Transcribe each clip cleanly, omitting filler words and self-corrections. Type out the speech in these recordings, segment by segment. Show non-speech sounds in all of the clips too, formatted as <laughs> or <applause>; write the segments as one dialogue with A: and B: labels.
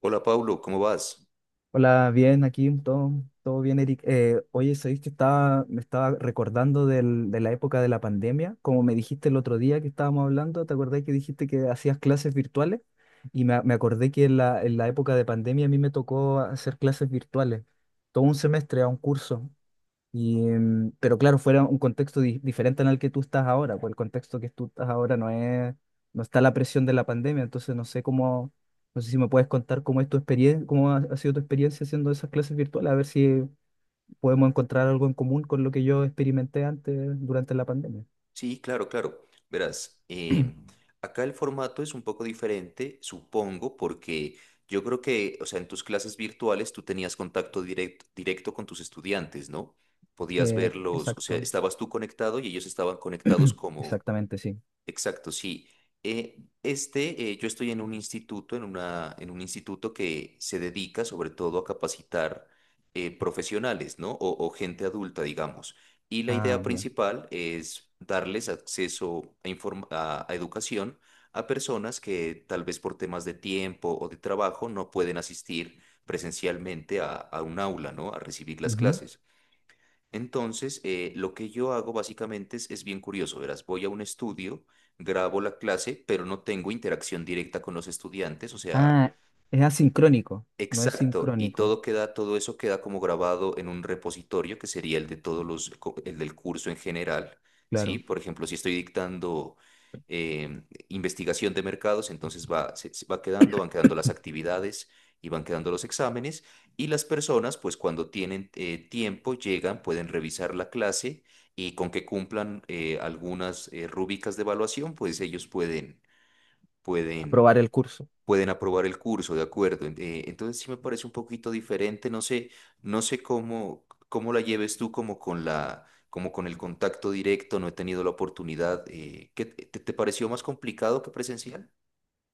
A: Hola Pablo, ¿cómo vas?
B: Hola, bien, aquí todo, todo bien, Eric. Oye, sabéis que me estaba recordando de la época de la pandemia, como me dijiste el otro día que estábamos hablando, ¿te acordás que dijiste que hacías clases virtuales? Y me acordé que en en la época de pandemia a mí me tocó hacer clases virtuales, todo un semestre a un curso. Y, pero claro, fuera un contexto diferente al que tú estás ahora, pues el contexto que tú estás ahora no está la presión de la pandemia, entonces no sé cómo, no sé si me puedes contar cómo es tu experiencia, cómo ha sido tu experiencia haciendo esas clases virtuales, a ver si podemos encontrar algo en común con lo que yo experimenté antes durante la pandemia.
A: Sí, claro, claro. Verás, acá el formato es un poco diferente, supongo, porque yo creo que, o sea, en tus clases virtuales tú tenías contacto directo con tus estudiantes, ¿no? Podías verlos, o sea,
B: Exacto,
A: estabas tú conectado y ellos estaban conectados como,
B: exactamente, sí.
A: Exacto, sí. Yo estoy en un instituto, en un instituto que se dedica sobre todo a capacitar profesionales, ¿no? O gente adulta, digamos. Y la
B: Ah,
A: idea
B: bien.
A: principal es darles acceso a, a educación a personas que tal vez por temas de tiempo o de trabajo no pueden asistir presencialmente a un aula, ¿no? A recibir las
B: Ujú.
A: clases. Entonces, lo que yo hago básicamente es bien curioso, verás, voy a un estudio, grabo la clase, pero no tengo interacción directa con los estudiantes, o sea,
B: Ah, es
A: i-
B: asincrónico, no es
A: Exacto, y
B: sincrónico,
A: todo queda, todo eso queda como grabado en un repositorio que sería el de todos el del curso en general, ¿sí?
B: claro.
A: Por ejemplo, si estoy dictando investigación de mercados, entonces se, se va quedando, van quedando las actividades y van quedando los exámenes, y las personas, pues cuando tienen tiempo, llegan, pueden revisar la clase y con que cumplan algunas rúbricas de evaluación, pues ellos pueden
B: Aprobar el curso.
A: pueden aprobar el curso, de acuerdo. Entonces sí me parece un poquito diferente, no sé, no sé cómo, cómo la lleves tú como con la, como con el contacto directo, no he tenido la oportunidad. ¿Qué te, te pareció más complicado que presencial?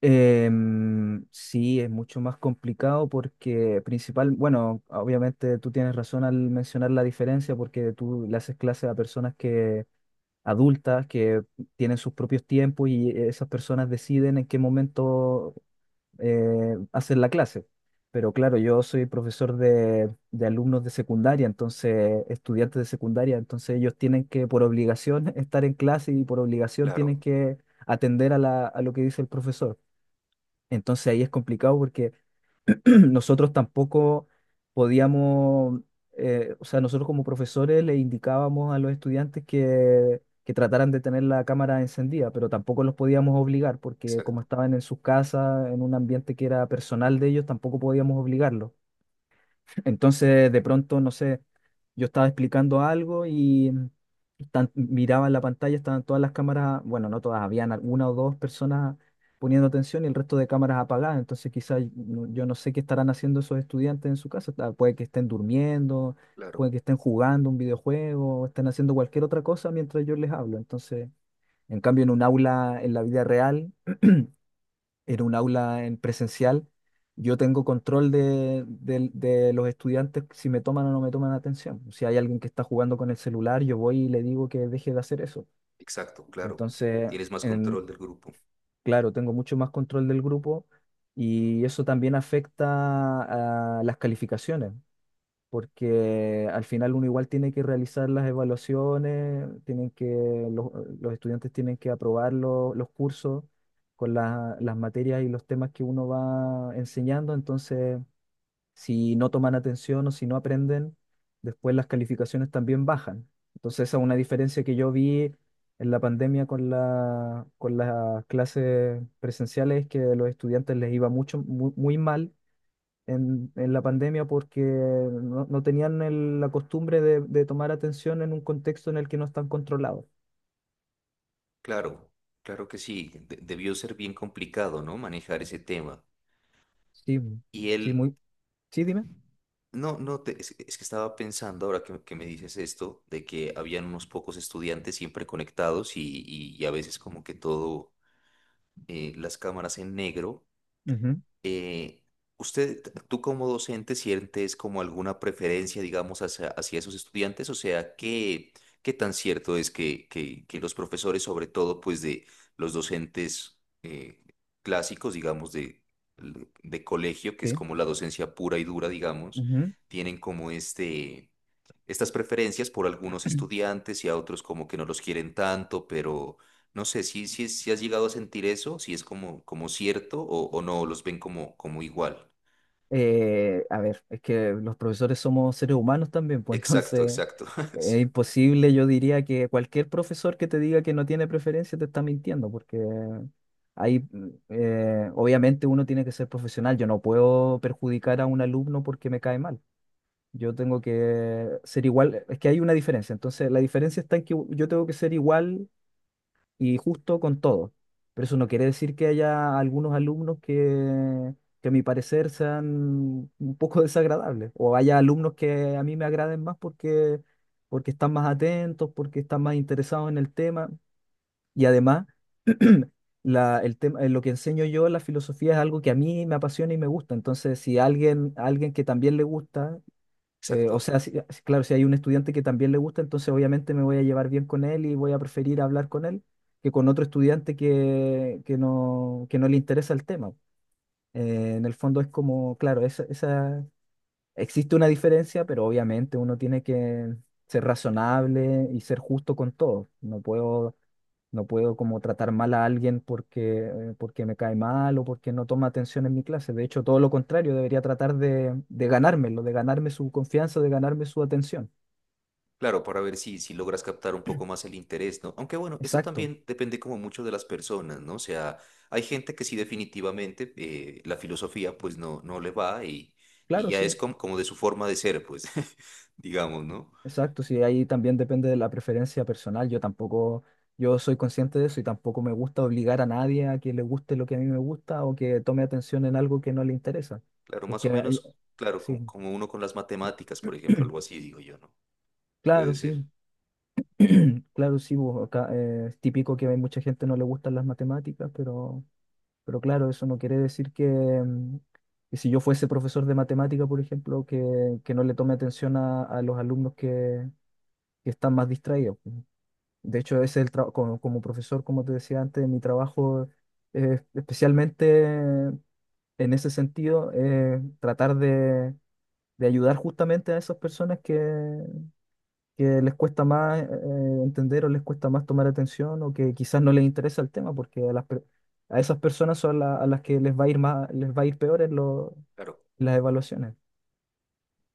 B: Sí, es mucho más complicado porque principal, bueno, obviamente tú tienes razón al mencionar la diferencia porque tú le haces clases a personas que adultas que tienen sus propios tiempos y esas personas deciden en qué momento hacer la clase. Pero claro, yo soy profesor de alumnos de secundaria, entonces estudiantes de secundaria, entonces ellos tienen que por obligación <laughs> estar en clase y por obligación
A: Claro,
B: tienen que atender a a lo que dice el profesor. Entonces ahí es complicado porque <clears throat> nosotros tampoco podíamos, o sea, nosotros como profesores le indicábamos a los estudiantes que trataran de tener la cámara encendida, pero tampoco los podíamos obligar porque como
A: exacto,
B: estaban en sus casas, en un ambiente que era personal de ellos, tampoco podíamos obligarlos. Entonces, de pronto, no sé, yo estaba explicando algo y miraba en la pantalla, estaban todas las cámaras, bueno, no todas, habían una o dos personas poniendo atención y el resto de cámaras apagadas. Entonces, quizás no- yo no sé qué estarán haciendo esos estudiantes en su casa. Puede que estén durmiendo,
A: claro,
B: puede que estén jugando un videojuego, o estén haciendo cualquier otra cosa mientras yo les hablo. Entonces, en cambio, en un aula, en la vida real en un aula en presencial, yo tengo control de los estudiantes si me toman o no me toman atención. Si hay alguien que está jugando con el celular, yo voy y le digo que deje de hacer eso.
A: exacto, claro.
B: Entonces,
A: Tienes más
B: en,
A: control del grupo.
B: claro, tengo mucho más control del grupo y eso también afecta a las calificaciones porque al final uno igual tiene que realizar las evaluaciones, tienen que, los, los estudiantes tienen que aprobar los cursos con las materias y los temas que uno va enseñando, entonces si no toman atención o si no aprenden, después las calificaciones también bajan. Entonces esa es una diferencia que yo vi en la pandemia con con las clases presenciales, que a los estudiantes les iba muy mal en la pandemia porque no tenían la costumbre de tomar atención en un contexto en el que no están controlados.
A: Claro, claro que sí. Debió ser bien complicado, ¿no? Manejar ese tema.
B: Sí,
A: Y
B: sí,
A: él,
B: muy, sí, dime.
A: No, no, es que estaba pensando ahora que me dices esto, de que habían unos pocos estudiantes siempre conectados y, y a veces como que todo, las cámaras en negro
B: Ujú,
A: eh, ¿usted, tú como docente, sientes como alguna preferencia, digamos, hacia, hacia esos estudiantes? O sea, ¿qué, qué tan cierto es que los profesores, sobre todo, pues de los docentes clásicos, digamos, de colegio, que es
B: sí,
A: como la docencia pura y dura, digamos,
B: ujú.
A: tienen como este... Estas preferencias por algunos
B: <clears throat>
A: estudiantes y a otros como que no los quieren tanto, pero no sé si has llegado a sentir eso, si es como, como cierto o no, los ven como, como igual.
B: A ver, es que los profesores somos seres humanos también, pues
A: Exacto,
B: entonces
A: exacto. <laughs> Sí,
B: es imposible, yo diría que cualquier profesor que te diga que no tiene preferencia te está mintiendo, porque obviamente uno tiene que ser profesional, yo no puedo perjudicar a un alumno porque me cae mal. Yo tengo que ser igual, es que hay una diferencia. Entonces, la diferencia está en que yo tengo que ser igual y justo con todos. Pero eso no quiere decir que haya algunos alumnos que a mi parecer sean un poco <laughs> desagradables. O haya alumnos que a mí me agraden más porque, porque están más atentos, porque están más interesados en el tema. Y además, <clears throat> el tema, lo que enseño yo, la filosofía es algo que a mí me apasiona y me gusta. Entonces, si alguien, alguien que también le gusta
A: exacto.
B: o sea, claro, si hay un estudiante que también le gusta, entonces obviamente me voy a llevar bien con él y voy a preferir hablar con él que con otro estudiante que no le interesa el tema. En el fondo es como, claro, esa, existe una diferencia, pero obviamente uno tiene que ser razonable y ser justo con todo. No puedo como tratar mal a alguien porque, porque me cae mal o porque no toma atención en mi clase. De hecho, todo lo contrario, debería tratar de ganármelo, de ganarme su confianza, de ganarme su atención.
A: Claro, para ver si, si logras captar un poco más el interés, ¿no? Aunque bueno, esto
B: Exacto,
A: también depende como mucho de las personas, ¿no? O sea, hay gente que sí definitivamente la filosofía pues no, no le va y
B: claro,
A: ya es
B: sí,
A: como, como de su forma de ser, pues, <laughs> digamos, ¿no?
B: exacto, sí, ahí también depende de la preferencia personal. Yo tampoco, yo soy consciente de eso y tampoco me gusta obligar a nadie a que le guste lo que a mí me gusta o que tome atención en algo que no le interesa.
A: Claro, más o
B: Porque,
A: menos, claro,
B: sí,
A: como, como uno con las matemáticas, por ejemplo, algo así, digo yo, ¿no?
B: claro,
A: Puede
B: sí.
A: ser.
B: <clears throat> Claro, sí, bo, acá es típico que hay mucha gente no le gustan las matemáticas, pero claro, eso no quiere decir que si yo fuese profesor de matemática, por ejemplo, que no le tome atención a los alumnos que están más distraídos. Pues. De hecho, ese es el trabajo como, como profesor, como te decía antes, mi trabajo especialmente en ese sentido, tratar de ayudar justamente a esas personas que les cuesta más entender o les cuesta más tomar atención o que quizás no les interesa el tema, porque a esas personas son a las que les va a ir les va a ir peor
A: Claro.
B: en las evaluaciones.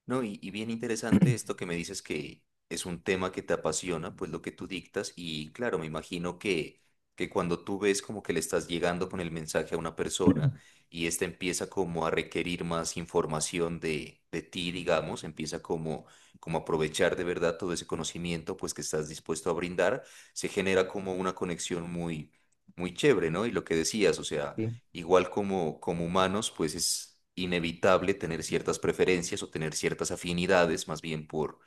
A: No, y bien interesante esto que me dices que es un tema que te apasiona, pues lo que tú dictas, y claro, me imagino que cuando tú ves como que le estás llegando con el mensaje a una persona
B: <clears throat>
A: y esta empieza como a requerir más información de ti, digamos, empieza como, como a aprovechar de verdad todo ese conocimiento pues que estás dispuesto a brindar, se genera como una conexión muy, muy chévere, ¿no? Y lo que decías, o sea...
B: Sí,
A: Igual como, como humanos, pues es inevitable tener ciertas preferencias o tener ciertas afinidades, más bien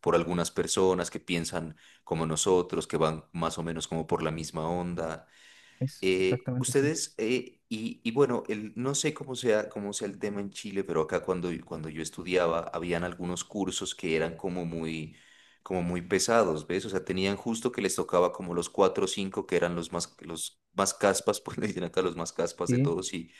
A: por algunas personas que piensan como nosotros, que van más o menos como por la misma onda.
B: es exactamente sí.
A: Y, y bueno, el, no sé cómo sea el tema en Chile, pero acá cuando, cuando yo estudiaba, habían algunos cursos que eran como muy pesados, ¿ves? O sea, tenían justo que les tocaba como los cuatro o cinco que eran los más caspas, <laughs> pues le dicen acá los más caspas de
B: Sí.
A: todos, y,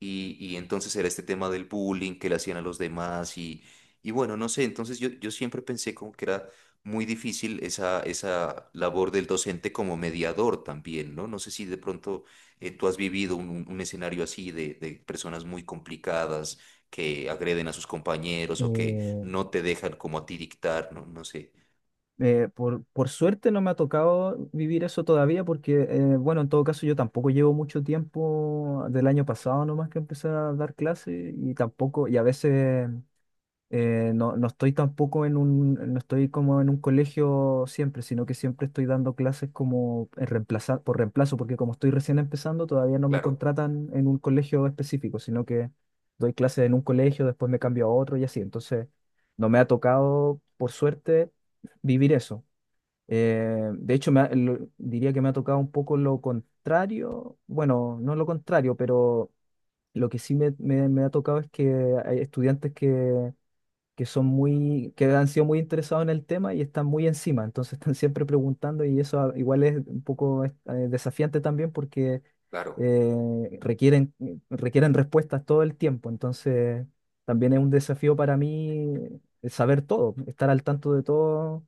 A: y entonces era este tema del bullying que le hacían a los demás y bueno, no sé, entonces yo siempre pensé como que era muy difícil esa, esa labor del docente como mediador también, ¿no? No sé si de pronto tú has vivido un, un escenario así de personas muy complicadas que agreden a sus compañeros o que
B: Eh,
A: no te dejan como a ti dictar, ¿no? No sé.
B: por suerte no me ha tocado vivir eso todavía porque, bueno, en todo caso yo tampoco llevo mucho tiempo del año pasado nomás que empecé a dar clases y tampoco, y a veces no estoy tampoco en un, no estoy como en un colegio siempre, sino que siempre estoy dando clases como en reemplazar, por reemplazo, porque como estoy recién empezando, todavía no me
A: Claro,
B: contratan en un colegio específico, sino que doy clases en un colegio, después me cambio a otro y así. Entonces, no me ha tocado, por suerte, vivir eso. De hecho, diría que me ha tocado un poco lo contrario, bueno, no lo contrario, pero lo que sí me ha tocado es que hay estudiantes que son muy, que han sido muy interesados en el tema y están muy encima, entonces <laughs> están siempre preguntando y eso ah, igual es un poco desafiante también porque
A: claro,
B: requieren, requieren respuestas todo el tiempo, entonces también es un desafío para mí saber todo, estar al tanto de todo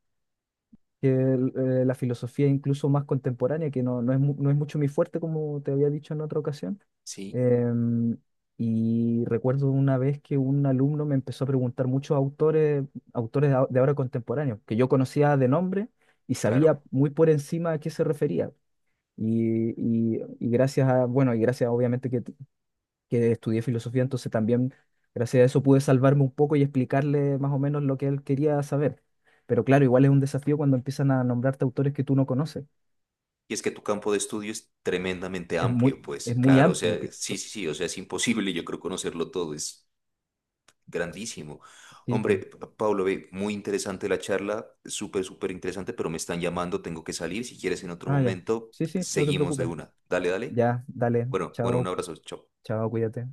B: que la filosofía incluso más contemporánea, que no es, no es mucho mi fuerte, como te había dicho en otra ocasión.
A: sí,
B: Em, y recuerdo una vez que un alumno me empezó a preguntar muchos autores, autores de ahora contemporáneos, que yo conocía de nombre y
A: claro.
B: sabía muy por encima a qué se refería. Y gracias a, bueno, y gracias obviamente que estudié filosofía, entonces también gracias a eso pude salvarme un poco y explicarle más o menos lo que él quería saber. Pero claro, igual es un desafío cuando empiezan a nombrarte autores que tú no conoces.
A: Y es que tu campo de estudio es tremendamente
B: Es muy,
A: amplio, pues,
B: es muy
A: claro, o
B: amplio.
A: sea, sí, sí, sí, o sea, es imposible, yo creo, conocerlo todo, es grandísimo.
B: Sí.
A: Hombre,
B: Mm.
A: Pablo, ve, muy interesante la charla, súper, súper interesante, pero me están llamando, tengo que salir, si quieres en otro
B: Ah, ya.
A: momento,
B: Sí, sí, no te
A: seguimos de
B: preocupes.
A: una. Dale, dale.
B: Ya, dale.
A: Bueno, bueno, un
B: Chao,
A: abrazo, chao.
B: chao, cuídate.